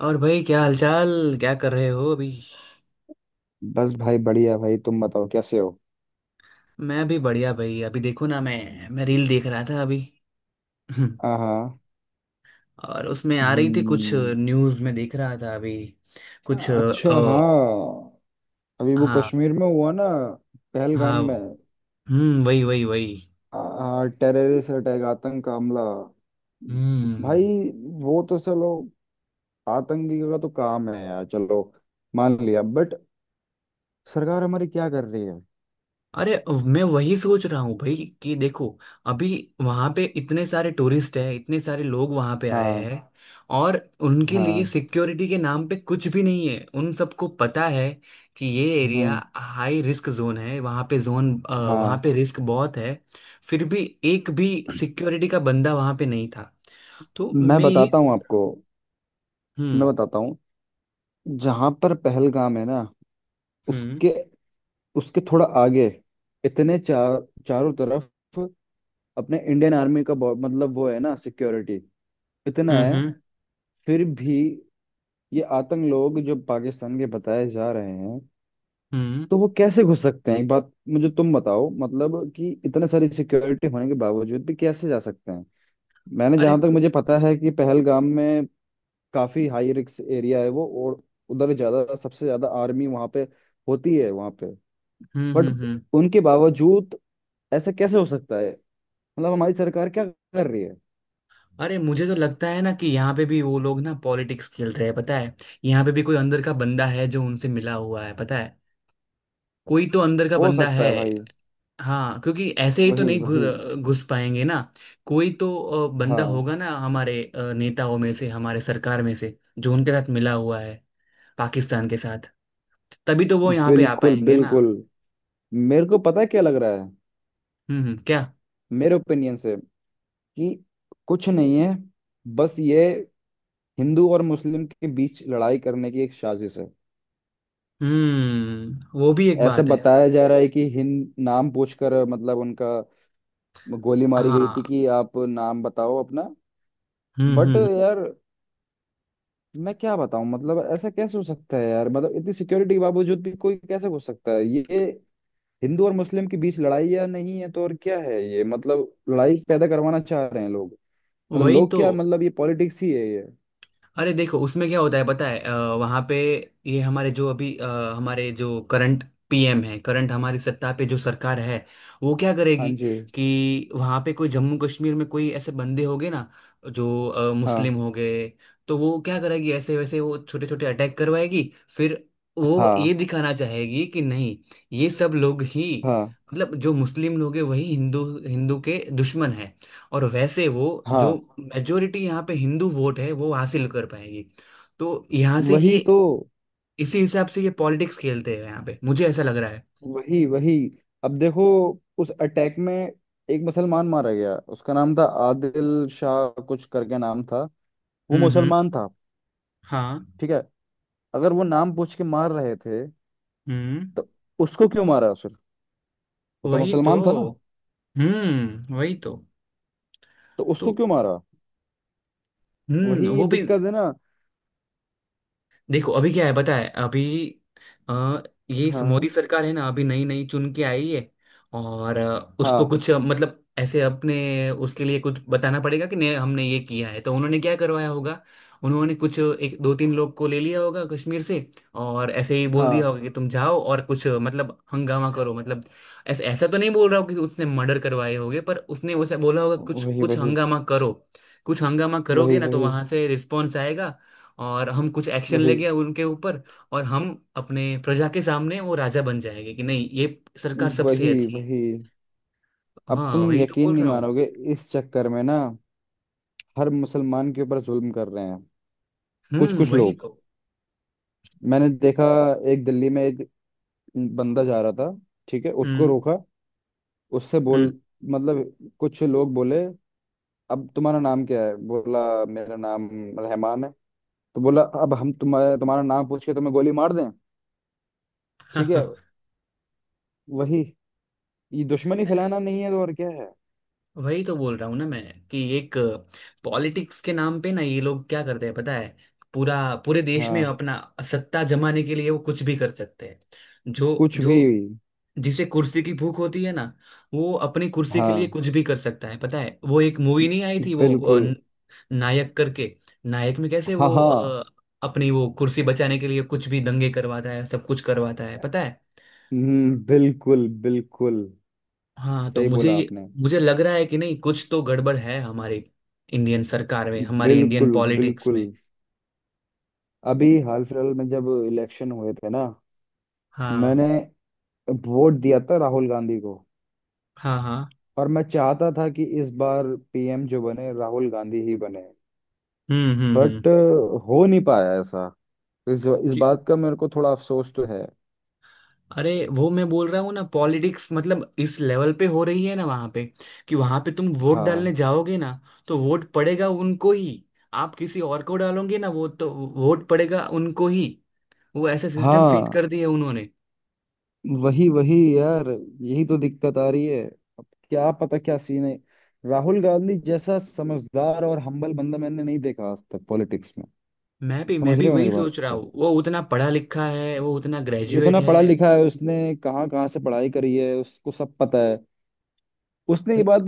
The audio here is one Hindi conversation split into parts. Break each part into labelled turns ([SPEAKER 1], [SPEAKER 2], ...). [SPEAKER 1] और भाई क्या हालचाल? क्या कर रहे हो अभी?
[SPEAKER 2] बस भाई, बढ़िया। भाई तुम बताओ, कैसे हो?
[SPEAKER 1] मैं भी बढ़िया भाई। अभी देखो ना, मैं रील देख रहा था अभी।
[SPEAKER 2] हाँ हाँ।
[SPEAKER 1] और उसमें आ रही थी, कुछ
[SPEAKER 2] हम्म।
[SPEAKER 1] न्यूज़ में देख रहा था अभी। कुछ
[SPEAKER 2] अच्छा, हाँ। अभी वो
[SPEAKER 1] हाँ
[SPEAKER 2] कश्मीर में हुआ ना, पहलगाम
[SPEAKER 1] हाँ।
[SPEAKER 2] में।
[SPEAKER 1] हम्म, वही वही वही।
[SPEAKER 2] टेररिस्ट अटैक, आतंक का हमला भाई।
[SPEAKER 1] हम्म।
[SPEAKER 2] वो तो चलो, आतंकी का तो काम है यार, चलो मान लिया, बट सरकार हमारी क्या कर रही है?
[SPEAKER 1] अरे मैं वही सोच रहा हूँ भाई, कि देखो, अभी वहां पे इतने सारे टूरिस्ट हैं, इतने सारे लोग वहां पे आए
[SPEAKER 2] हाँ।
[SPEAKER 1] हैं। और उनके लिए
[SPEAKER 2] हाँ।
[SPEAKER 1] सिक्योरिटी के नाम पे कुछ भी नहीं है। उन सबको पता है कि ये एरिया
[SPEAKER 2] हम्म।
[SPEAKER 1] हाई रिस्क जोन है। वहां पे जोन वहां
[SPEAKER 2] हाँ।
[SPEAKER 1] पे रिस्क बहुत है। फिर भी एक भी सिक्योरिटी का बंदा वहां पे नहीं था। तो
[SPEAKER 2] मैं
[SPEAKER 1] मैं ये।
[SPEAKER 2] बताता हूँ आपको। मैं
[SPEAKER 1] हम्म।
[SPEAKER 2] बताता हूँ। जहां पर पहलगाम है ना,
[SPEAKER 1] हम्म
[SPEAKER 2] उसके उसके थोड़ा आगे। इतने चारों तरफ अपने इंडियन आर्मी का मतलब वो है ना, सिक्योरिटी इतना
[SPEAKER 1] हम्म
[SPEAKER 2] है।
[SPEAKER 1] हम्म
[SPEAKER 2] फिर भी ये आतंक लोग जो पाकिस्तान के बताए जा रहे हैं,
[SPEAKER 1] हम्म,
[SPEAKER 2] तो वो कैसे घुस सकते हैं? एक बात मुझे तुम बताओ, मतलब कि इतने सारी सिक्योरिटी होने के बावजूद भी कैसे जा सकते हैं? मैंने
[SPEAKER 1] अरे।
[SPEAKER 2] जहां तक मुझे पता है कि पहलगाम में काफी हाई रिस्क एरिया है वो, और उधर ज्यादा, सबसे ज्यादा आर्मी वहां पे होती है वहां पे।
[SPEAKER 1] हम्म हम्म
[SPEAKER 2] बट
[SPEAKER 1] हम्म
[SPEAKER 2] उनके बावजूद ऐसा कैसे हो सकता है? मतलब हमारी सरकार क्या कर रही है?
[SPEAKER 1] अरे मुझे तो लगता है ना, कि यहाँ पे भी वो लोग ना पॉलिटिक्स खेल रहे हैं पता है। यहाँ पे भी कोई अंदर का बंदा है जो उनसे मिला हुआ है पता है। कोई तो अंदर का
[SPEAKER 2] हो
[SPEAKER 1] बंदा
[SPEAKER 2] सकता
[SPEAKER 1] है।
[SPEAKER 2] है भाई।
[SPEAKER 1] हाँ, क्योंकि ऐसे ही तो
[SPEAKER 2] वही
[SPEAKER 1] नहीं
[SPEAKER 2] वही।
[SPEAKER 1] घुस पाएंगे ना। कोई तो बंदा
[SPEAKER 2] हाँ,
[SPEAKER 1] होगा ना, हमारे नेताओं में से, हमारे सरकार में से, जो उनके साथ मिला हुआ है, पाकिस्तान के साथ। तभी तो वो यहाँ पे आ
[SPEAKER 2] बिल्कुल
[SPEAKER 1] पाएंगे ना।
[SPEAKER 2] बिल्कुल। मेरे को पता है क्या लग रहा है,
[SPEAKER 1] क्या?
[SPEAKER 2] मेरे ओपिनियन से, कि कुछ नहीं है, बस ये हिंदू और मुस्लिम के बीच लड़ाई करने की एक साजिश है।
[SPEAKER 1] हम्म, वो भी एक
[SPEAKER 2] ऐसा
[SPEAKER 1] बात है।
[SPEAKER 2] बताया जा रहा है कि हिंद नाम पूछकर, मतलब उनका गोली मारी गई
[SPEAKER 1] हाँ।
[SPEAKER 2] थी कि आप नाम बताओ अपना।
[SPEAKER 1] हम्म हम्म
[SPEAKER 2] बट
[SPEAKER 1] हम्म,
[SPEAKER 2] यार, मैं क्या बताऊं, मतलब ऐसा कैसे हो सकता है यार, मतलब इतनी सिक्योरिटी के बावजूद भी कोई कैसे घुस सकता है ये? हिंदू और मुस्लिम के बीच लड़ाई या नहीं है तो और क्या है ये? मतलब लड़ाई पैदा करवाना चाह रहे हैं लोग, मतलब
[SPEAKER 1] वही
[SPEAKER 2] लोग
[SPEAKER 1] तो।
[SPEAKER 2] क्या, मतलब ये पॉलिटिक्स ही है ये।
[SPEAKER 1] अरे देखो उसमें क्या होता है पता है। वहाँ पे ये हमारे जो अभी हमारे जो करंट पीएम है, करंट हमारी सत्ता पे जो सरकार है, वो क्या
[SPEAKER 2] हाँ
[SPEAKER 1] करेगी।
[SPEAKER 2] जी।
[SPEAKER 1] कि वहाँ पे कोई जम्मू कश्मीर में कोई ऐसे बंदे होंगे ना, जो मुस्लिम
[SPEAKER 2] हाँ।
[SPEAKER 1] हो गए, तो वो क्या करेगी, ऐसे वैसे वो छोटे छोटे अटैक करवाएगी। फिर वो
[SPEAKER 2] हाँ।
[SPEAKER 1] ये दिखाना चाहेगी कि नहीं, ये सब लोग ही,
[SPEAKER 2] हाँ।
[SPEAKER 1] मतलब जो मुस्लिम लोग हैं, वही हिंदू हिंदू के दुश्मन है। और वैसे वो जो
[SPEAKER 2] हाँ।
[SPEAKER 1] मेजोरिटी यहाँ पे हिंदू वोट है वो हासिल कर पाएगी। तो यहाँ से ये,
[SPEAKER 2] वही तो।
[SPEAKER 1] इसी हिसाब से ये पॉलिटिक्स खेलते हैं यहाँ पे, मुझे ऐसा लग रहा है।
[SPEAKER 2] वही वही। अब देखो, उस अटैक में एक मुसलमान मारा गया, उसका नाम था आदिल शाह कुछ करके नाम था, वो
[SPEAKER 1] हम्म।
[SPEAKER 2] मुसलमान था।
[SPEAKER 1] हाँ।
[SPEAKER 2] ठीक है, अगर वो नाम पूछ के मार रहे थे
[SPEAKER 1] हम्म,
[SPEAKER 2] तो उसको क्यों मारा? सिर्फ, वो तो
[SPEAKER 1] वही तो।
[SPEAKER 2] मुसलमान था ना,
[SPEAKER 1] हम्म, वही तो।
[SPEAKER 2] तो
[SPEAKER 1] तो
[SPEAKER 2] उसको क्यों मारा?
[SPEAKER 1] हम्म,
[SPEAKER 2] वही
[SPEAKER 1] वो भी।
[SPEAKER 2] दिक्कत है ना।
[SPEAKER 1] देखो अभी क्या है पता है। अभी अ, ये मोदी
[SPEAKER 2] हाँ
[SPEAKER 1] सरकार है ना, अभी नई नई चुन के आई है। और उसको
[SPEAKER 2] हाँ
[SPEAKER 1] कुछ मतलब ऐसे अपने उसके लिए कुछ बताना पड़ेगा कि हमने ये किया है। तो उन्होंने क्या करवाया होगा, उन्होंने कुछ 1 2 3 लोग को ले लिया होगा कश्मीर से, और ऐसे ही बोल दिया
[SPEAKER 2] हाँ।
[SPEAKER 1] होगा कि तुम जाओ और कुछ मतलब हंगामा करो, मतलब ऐसा ऐसा तो नहीं बोल रहा हूँ कि उसने मर्डर करवाए होंगे, पर उसने वैसे बोला होगा कुछ
[SPEAKER 2] वही
[SPEAKER 1] कुछ
[SPEAKER 2] वही
[SPEAKER 1] हंगामा करो। कुछ हंगामा
[SPEAKER 2] वही
[SPEAKER 1] करोगे ना तो
[SPEAKER 2] वही
[SPEAKER 1] वहां से रिस्पॉन्स आएगा, और हम कुछ एक्शन
[SPEAKER 2] वही
[SPEAKER 1] लेंगे उनके ऊपर। और हम अपने प्रजा के सामने वो राजा बन जाएंगे कि नहीं ये सरकार सबसे
[SPEAKER 2] वही
[SPEAKER 1] अच्छी।
[SPEAKER 2] वही। अब तुम
[SPEAKER 1] हाँ वही तो
[SPEAKER 2] यकीन
[SPEAKER 1] बोल
[SPEAKER 2] नहीं
[SPEAKER 1] रहा हूँ।
[SPEAKER 2] मानोगे, इस चक्कर में ना हर मुसलमान के ऊपर जुल्म कर रहे हैं कुछ
[SPEAKER 1] हम्म,
[SPEAKER 2] कुछ
[SPEAKER 1] वही
[SPEAKER 2] लोग।
[SPEAKER 1] तो।
[SPEAKER 2] मैंने देखा, एक दिल्ली में एक बंदा जा रहा था, ठीक है, उसको
[SPEAKER 1] हम्म
[SPEAKER 2] रोका। उससे बोल, मतलब कुछ लोग बोले, अब तुम्हारा नाम क्या है, बोला मेरा नाम रहमान है। तो बोला, अब हम तुम्हारा तुम्हारा नाम पूछ के तुम्हें गोली मार दें, ठीक है।
[SPEAKER 1] हम्म।
[SPEAKER 2] वही, ये दुश्मनी फैलाना नहीं है तो और क्या है?
[SPEAKER 1] वही तो बोल रहा हूँ ना मैं, कि एक पॉलिटिक्स के नाम पे ना ये लोग क्या करते हैं पता है। पूरा, पूरे देश में
[SPEAKER 2] हाँ,
[SPEAKER 1] अपना सत्ता जमाने के लिए वो कुछ भी कर सकते हैं। जो
[SPEAKER 2] कुछ भी।
[SPEAKER 1] जो जिसे कुर्सी की भूख होती है ना, वो अपनी कुर्सी के लिए
[SPEAKER 2] हाँ
[SPEAKER 1] कुछ भी कर सकता है पता है। वो एक मूवी नहीं आई थी, वो
[SPEAKER 2] बिल्कुल।
[SPEAKER 1] नायक करके। नायक में कैसे
[SPEAKER 2] हाँ
[SPEAKER 1] वो
[SPEAKER 2] हाँ।
[SPEAKER 1] अपनी वो कुर्सी बचाने के लिए कुछ भी दंगे करवाता है, सब कुछ करवाता है पता है।
[SPEAKER 2] बिल्कुल बिल्कुल।
[SPEAKER 1] हाँ तो
[SPEAKER 2] सही
[SPEAKER 1] मुझे
[SPEAKER 2] बोला
[SPEAKER 1] ये-
[SPEAKER 2] आपने।
[SPEAKER 1] मुझे लग रहा है कि नहीं कुछ तो गड़बड़ है हमारी इंडियन सरकार में, हमारी इंडियन
[SPEAKER 2] बिल्कुल
[SPEAKER 1] पॉलिटिक्स
[SPEAKER 2] बिल्कुल।
[SPEAKER 1] में।
[SPEAKER 2] अभी हाल फिलहाल में जब इलेक्शन हुए थे ना,
[SPEAKER 1] हाँ
[SPEAKER 2] मैंने वोट दिया था राहुल गांधी को।
[SPEAKER 1] हाँ हाँ।
[SPEAKER 2] और मैं चाहता था कि इस बार पीएम जो बने, राहुल गांधी ही बने।
[SPEAKER 1] हम्म हम्म हम्म
[SPEAKER 2] बट हो नहीं पाया ऐसा। इस
[SPEAKER 1] कि
[SPEAKER 2] बात का मेरे को थोड़ा अफसोस तो है।
[SPEAKER 1] अरे वो मैं बोल रहा हूँ ना पॉलिटिक्स मतलब इस लेवल पे हो रही है ना वहां पे। कि वहां पे तुम वोट डालने
[SPEAKER 2] हाँ
[SPEAKER 1] जाओगे ना, तो वोट पड़ेगा उनको ही। आप किसी और को डालोगे ना, वो तो वोट पड़ेगा उनको ही। वो ऐसा सिस्टम फिट
[SPEAKER 2] हाँ।
[SPEAKER 1] कर दिया उन्होंने।
[SPEAKER 2] वही वही यार, यही तो दिक्कत आ रही है। अब क्या पता क्या सीन है। राहुल गांधी जैसा समझदार और हम्बल बंदा मैंने नहीं देखा आज तक पॉलिटिक्स में।
[SPEAKER 1] मैं भी मैं
[SPEAKER 2] समझ
[SPEAKER 1] भी
[SPEAKER 2] रहे हो
[SPEAKER 1] वही
[SPEAKER 2] मेरी बात
[SPEAKER 1] सोच रहा
[SPEAKER 2] को?
[SPEAKER 1] हूँ, वो उतना पढ़ा लिखा है, वो उतना ग्रेजुएट
[SPEAKER 2] इतना
[SPEAKER 1] है।
[SPEAKER 2] पढ़ा लिखा है, उसने कहाँ कहाँ से पढ़ाई करी है, उसको सब पता है। उसने
[SPEAKER 1] हम्म,
[SPEAKER 2] ये बात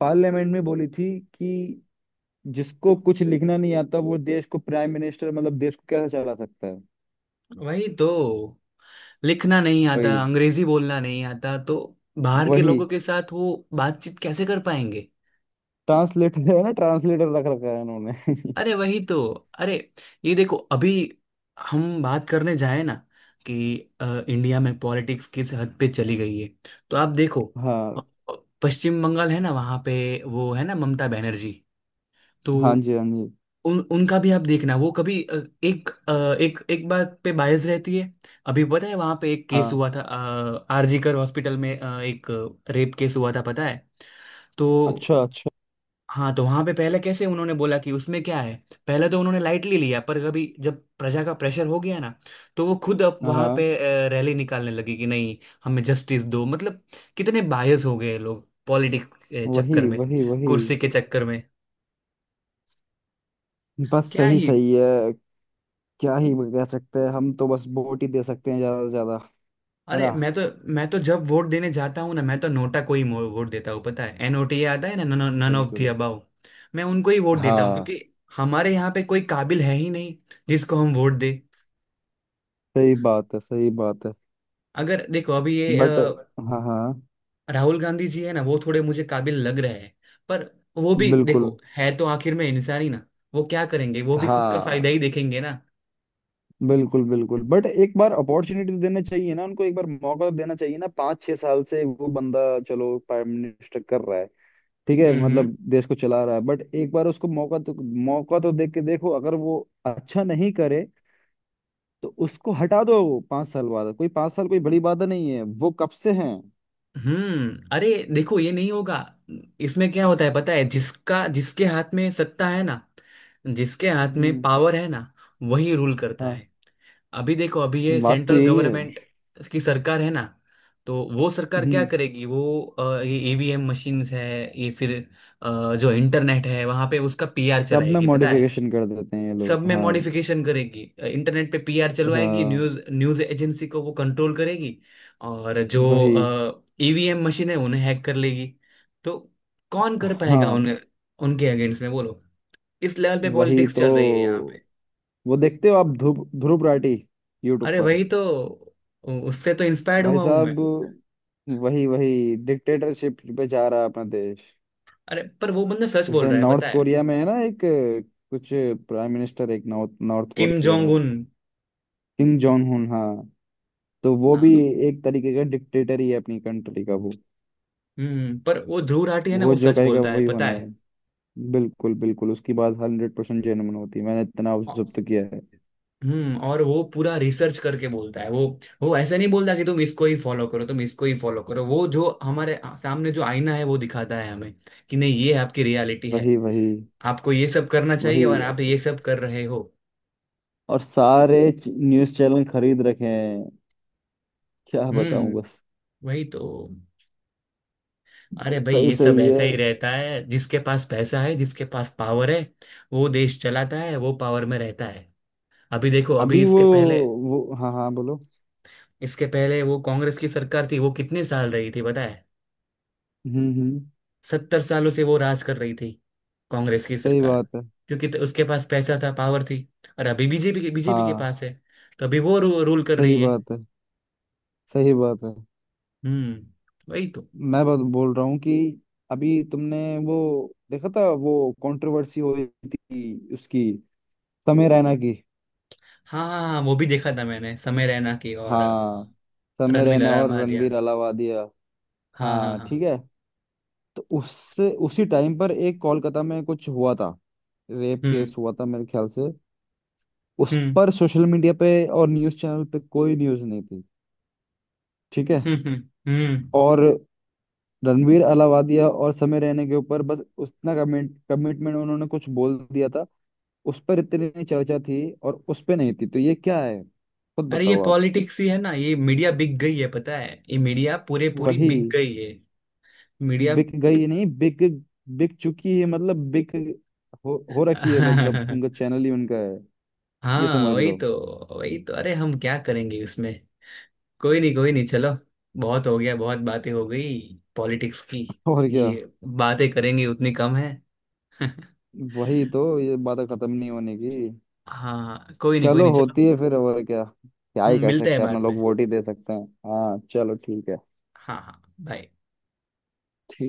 [SPEAKER 2] पार्लियामेंट में बोली थी, कि जिसको कुछ लिखना नहीं आता, वो देश को प्राइम मिनिस्टर, मतलब देश को कैसे चला सकता है?
[SPEAKER 1] वही तो, लिखना नहीं आता,
[SPEAKER 2] वही
[SPEAKER 1] अंग्रेजी बोलना नहीं आता, तो बाहर के
[SPEAKER 2] वही।
[SPEAKER 1] लोगों के साथ वो बातचीत कैसे कर पाएंगे?
[SPEAKER 2] ट्रांसलेटर है ना, ट्रांसलेटर रख रखा है उन्होंने।
[SPEAKER 1] अरे वही तो। अरे ये देखो अभी, हम बात करने जाए ना कि इंडिया में पॉलिटिक्स किस हद पे चली गई है, तो आप देखो अ,
[SPEAKER 2] हाँ।
[SPEAKER 1] पश्चिम बंगाल है ना वहाँ पे, वो है ना ममता बनर्जी। तो
[SPEAKER 2] हाँ जी। हाँ जी।
[SPEAKER 1] उन उनका भी आप देखना वो कभी एक एक एक बात पे बायस रहती है। अभी पता है वहाँ पे एक केस
[SPEAKER 2] हाँ।
[SPEAKER 1] हुआ था, आरजीकर हॉस्पिटल में एक रेप केस हुआ था पता है। तो
[SPEAKER 2] अच्छा अच्छा।
[SPEAKER 1] हाँ, तो वहां पे पहले कैसे उन्होंने बोला कि उसमें क्या है, पहले तो उन्होंने लाइटली लिया, पर कभी जब प्रजा का प्रेशर हो गया ना, तो वो खुद अब
[SPEAKER 2] हाँ
[SPEAKER 1] वहां
[SPEAKER 2] हाँ।
[SPEAKER 1] पे रैली निकालने लगी कि नहीं हमें जस्टिस दो। मतलब कितने बायस हो गए लोग पॉलिटिक्स के
[SPEAKER 2] वही
[SPEAKER 1] चक्कर में,
[SPEAKER 2] वही वही।
[SPEAKER 1] कुर्सी के चक्कर में।
[SPEAKER 2] बस
[SPEAKER 1] क्या
[SPEAKER 2] सही
[SPEAKER 1] ही।
[SPEAKER 2] सही है, क्या ही कह सकते हैं, हम तो बस वोट ही दे सकते हैं ज्यादा से ज्यादा, है ना?
[SPEAKER 1] अरे मैं तो जब वोट देने जाता हूँ ना, मैं तो नोटा को ही वोट देता हूँ पता है। एनओटीए आता है ना, नन ऑफ दी
[SPEAKER 2] बिल्कुल।
[SPEAKER 1] अबाव। मैं उनको ही वोट देता हूँ,
[SPEAKER 2] हाँ।
[SPEAKER 1] क्योंकि हमारे यहाँ पे कोई काबिल है ही नहीं जिसको हम वोट दे।
[SPEAKER 2] सही बात है, सही बात है।
[SPEAKER 1] अगर देखो अभी ये
[SPEAKER 2] बट, हाँ हाँ,
[SPEAKER 1] राहुल गांधी जी है ना, वो थोड़े मुझे काबिल लग रहे हैं। पर वो भी
[SPEAKER 2] बिल्कुल।
[SPEAKER 1] देखो है तो आखिर में इंसान ही ना, वो क्या करेंगे, वो भी खुद का फायदा
[SPEAKER 2] हाँ।
[SPEAKER 1] ही देखेंगे ना।
[SPEAKER 2] बिल्कुल बिल्कुल, बट एक बार अपॉर्चुनिटी देना चाहिए ना उनको, एक बार मौका तो देना चाहिए ना। 5 6 साल से वो बंदा, चलो, प्राइम मिनिस्टर कर रहा है, ठीक है,
[SPEAKER 1] हम्म हम्म
[SPEAKER 2] मतलब देश को चला रहा है, बट एक बार उसको मौका तो दे के देखो, अगर वो अच्छा नहीं करे तो उसको हटा दो। 5 साल बाद, कोई 5 साल कोई बड़ी बात नहीं है, वो कब से हैं।
[SPEAKER 1] हम्म। अरे देखो ये नहीं होगा। इसमें क्या होता है पता है, जिसका जिसके हाथ में सत्ता है ना, जिसके हाथ में
[SPEAKER 2] हम्म।
[SPEAKER 1] पावर है ना, वही रूल करता
[SPEAKER 2] हाँ,
[SPEAKER 1] है। अभी देखो, अभी ये
[SPEAKER 2] बात तो
[SPEAKER 1] सेंट्रल
[SPEAKER 2] यही है।
[SPEAKER 1] गवर्नमेंट की सरकार है ना, तो वो सरकार क्या
[SPEAKER 2] हम्म,
[SPEAKER 1] करेगी, वो ये ईवीएम मशीन्स है, ये फिर जो इंटरनेट है वहां पे उसका पीआर
[SPEAKER 2] तब में
[SPEAKER 1] चलाएगी पता है।
[SPEAKER 2] मॉडिफिकेशन कर देते हैं ये लोग।
[SPEAKER 1] सब में
[SPEAKER 2] हाँ।
[SPEAKER 1] मॉडिफिकेशन करेगी, इंटरनेट पे पीआर चलवाएगी,
[SPEAKER 2] हाँ।
[SPEAKER 1] न्यूज न्यूज एजेंसी को वो कंट्रोल करेगी। और जो
[SPEAKER 2] वही।
[SPEAKER 1] ईवीएम मशीन है उन्हें हैक कर लेगी। तो कौन कर पाएगा
[SPEAKER 2] हाँ।
[SPEAKER 1] उन्हें, उनके अगेंस्ट में बोलो। इस लेवल पे
[SPEAKER 2] वही
[SPEAKER 1] पॉलिटिक्स
[SPEAKER 2] तो।
[SPEAKER 1] चल रही है यहाँ पे।
[SPEAKER 2] वो देखते हो आप, ध्रुव ध्रुव राठी, यूट्यूब
[SPEAKER 1] अरे
[SPEAKER 2] पर?
[SPEAKER 1] वही तो। उससे तो इंस्पायर्ड
[SPEAKER 2] भाई
[SPEAKER 1] हुआ हूं मैं।
[SPEAKER 2] साहब, वही वही, डिक्टेटरशिप पे जा रहा है अपना देश।
[SPEAKER 1] अरे पर वो बंदा सच बोल
[SPEAKER 2] जैसे
[SPEAKER 1] रहा है पता
[SPEAKER 2] नॉर्थ
[SPEAKER 1] है।
[SPEAKER 2] कोरिया में है ना एक, कुछ प्राइम मिनिस्टर, एक north north
[SPEAKER 1] Kim
[SPEAKER 2] Korea
[SPEAKER 1] Jong
[SPEAKER 2] में,
[SPEAKER 1] उन।
[SPEAKER 2] किम जोंग हुन, हाँ। तो वो भी
[SPEAKER 1] हाँ।
[SPEAKER 2] एक तरीके का डिक्टेटर ही है अपनी कंट्री का वो।
[SPEAKER 1] हम्म, पर वो ध्रुव राठी है ना,
[SPEAKER 2] वो
[SPEAKER 1] वो
[SPEAKER 2] जो
[SPEAKER 1] सच
[SPEAKER 2] कहेगा
[SPEAKER 1] बोलता है
[SPEAKER 2] वही
[SPEAKER 1] पता
[SPEAKER 2] होना है।
[SPEAKER 1] है।
[SPEAKER 2] बिल्कुल बिल्कुल, उसकी बात 100% जेन्युइन होती है, मैंने इतना ऑब्जर्व
[SPEAKER 1] औ-
[SPEAKER 2] तो किया है।
[SPEAKER 1] हम्म, और वो पूरा रिसर्च करके बोलता है। वो ऐसे नहीं बोलता कि तुम इसको ही फॉलो करो, तुम इसको ही फॉलो करो। वो जो हमारे सामने जो आईना है वो दिखाता है हमें, कि नहीं ये आपकी रियलिटी है,
[SPEAKER 2] वही वही
[SPEAKER 1] आपको ये सब करना चाहिए
[SPEAKER 2] वही।
[SPEAKER 1] और आप
[SPEAKER 2] अस-
[SPEAKER 1] ये सब कर रहे हो।
[SPEAKER 2] और सारे न्यूज चैनल खरीद रखे हैं, क्या बताऊं
[SPEAKER 1] हम्म,
[SPEAKER 2] बस।
[SPEAKER 1] वही तो। अरे भाई
[SPEAKER 2] सही
[SPEAKER 1] ये सब
[SPEAKER 2] सही है।
[SPEAKER 1] ऐसा ही रहता है, जिसके पास पैसा है, जिसके पास पावर है, वो देश चलाता है, वो पावर में रहता है। अभी देखो अभी
[SPEAKER 2] अभी
[SPEAKER 1] इसके पहले,
[SPEAKER 2] वो, हाँ हाँ, बोलो।
[SPEAKER 1] इसके पहले वो कांग्रेस की सरकार थी, वो कितने साल रही थी पता है।
[SPEAKER 2] हम्म।
[SPEAKER 1] 70 सालों से वो राज कर रही थी, कांग्रेस की
[SPEAKER 2] सही
[SPEAKER 1] सरकार।
[SPEAKER 2] बात है।
[SPEAKER 1] क्योंकि उसके पास पैसा था, पावर थी। और अभी बीजेपी के
[SPEAKER 2] हाँ,
[SPEAKER 1] पास है, तो अभी वो रूल कर
[SPEAKER 2] सही
[SPEAKER 1] रही है।
[SPEAKER 2] बात है, सही बात है।
[SPEAKER 1] हम्म, वही तो।
[SPEAKER 2] मैं बस बोल रहा हूँ कि अभी तुमने वो देखा था, वो कंट्रोवर्सी हो रही थी उसकी, समय रैना की।
[SPEAKER 1] हाँ हाँ हाँ, वो भी देखा था मैंने, समय रैना की और
[SPEAKER 2] हाँ, समय रैना
[SPEAKER 1] रणवीर
[SPEAKER 2] और
[SPEAKER 1] भालिया।
[SPEAKER 2] रणवीर अलावादिया।
[SPEAKER 1] हाँ हाँ
[SPEAKER 2] हाँ
[SPEAKER 1] हाँ।
[SPEAKER 2] ठीक है। तो उससे उसी टाइम पर एक कोलकाता में कुछ हुआ था, रेप
[SPEAKER 1] हम्म
[SPEAKER 2] केस हुआ था मेरे ख्याल से। उस
[SPEAKER 1] हम्म
[SPEAKER 2] पर सोशल मीडिया पे और न्यूज़ चैनल पे कोई न्यूज़ नहीं थी, ठीक है।
[SPEAKER 1] हम्म। हम्म। हम्म।
[SPEAKER 2] और रणवीर अलावादिया और समय रैना के ऊपर बस उतना कमिटमेंट, उन्होंने कुछ बोल दिया था। उस पर इतनी चर्चा थी और उस पे नहीं थी, तो ये क्या है? खुद
[SPEAKER 1] अरे ये
[SPEAKER 2] बताओ आप।
[SPEAKER 1] पॉलिटिक्स ही है ना, ये मीडिया बिक गई है पता है, ये मीडिया पूरे पूरी
[SPEAKER 2] वही,
[SPEAKER 1] बिक गई है। मीडिया।
[SPEAKER 2] बिक गई नहीं, बिक बिक चुकी है, मतलब बिक हो रखी है, मतलब उनका चैनल ही उनका है। ये
[SPEAKER 1] हाँ
[SPEAKER 2] समझ
[SPEAKER 1] वही
[SPEAKER 2] लो।
[SPEAKER 1] तो। वही तो, अरे हम क्या करेंगे उसमें। कोई नहीं, कोई नहीं, चलो। बहुत हो गया, बहुत बातें हो गई पॉलिटिक्स की।
[SPEAKER 2] और क्या?
[SPEAKER 1] ये बातें करेंगे उतनी कम है।
[SPEAKER 2] वही तो, ये बात खत्म नहीं होने की।
[SPEAKER 1] हाँ, कोई नहीं कोई
[SPEAKER 2] चलो,
[SPEAKER 1] नहीं, चलो।
[SPEAKER 2] होती है फिर, और क्या, क्या ही कर
[SPEAKER 1] मिलते हैं
[SPEAKER 2] सकते हैं, अपना
[SPEAKER 1] बाद
[SPEAKER 2] लोग
[SPEAKER 1] में।
[SPEAKER 2] वोट ही दे सकते हैं, हाँ चलो ठीक है।
[SPEAKER 1] हाँ हाँ, बाय।
[SPEAKER 2] ठीक।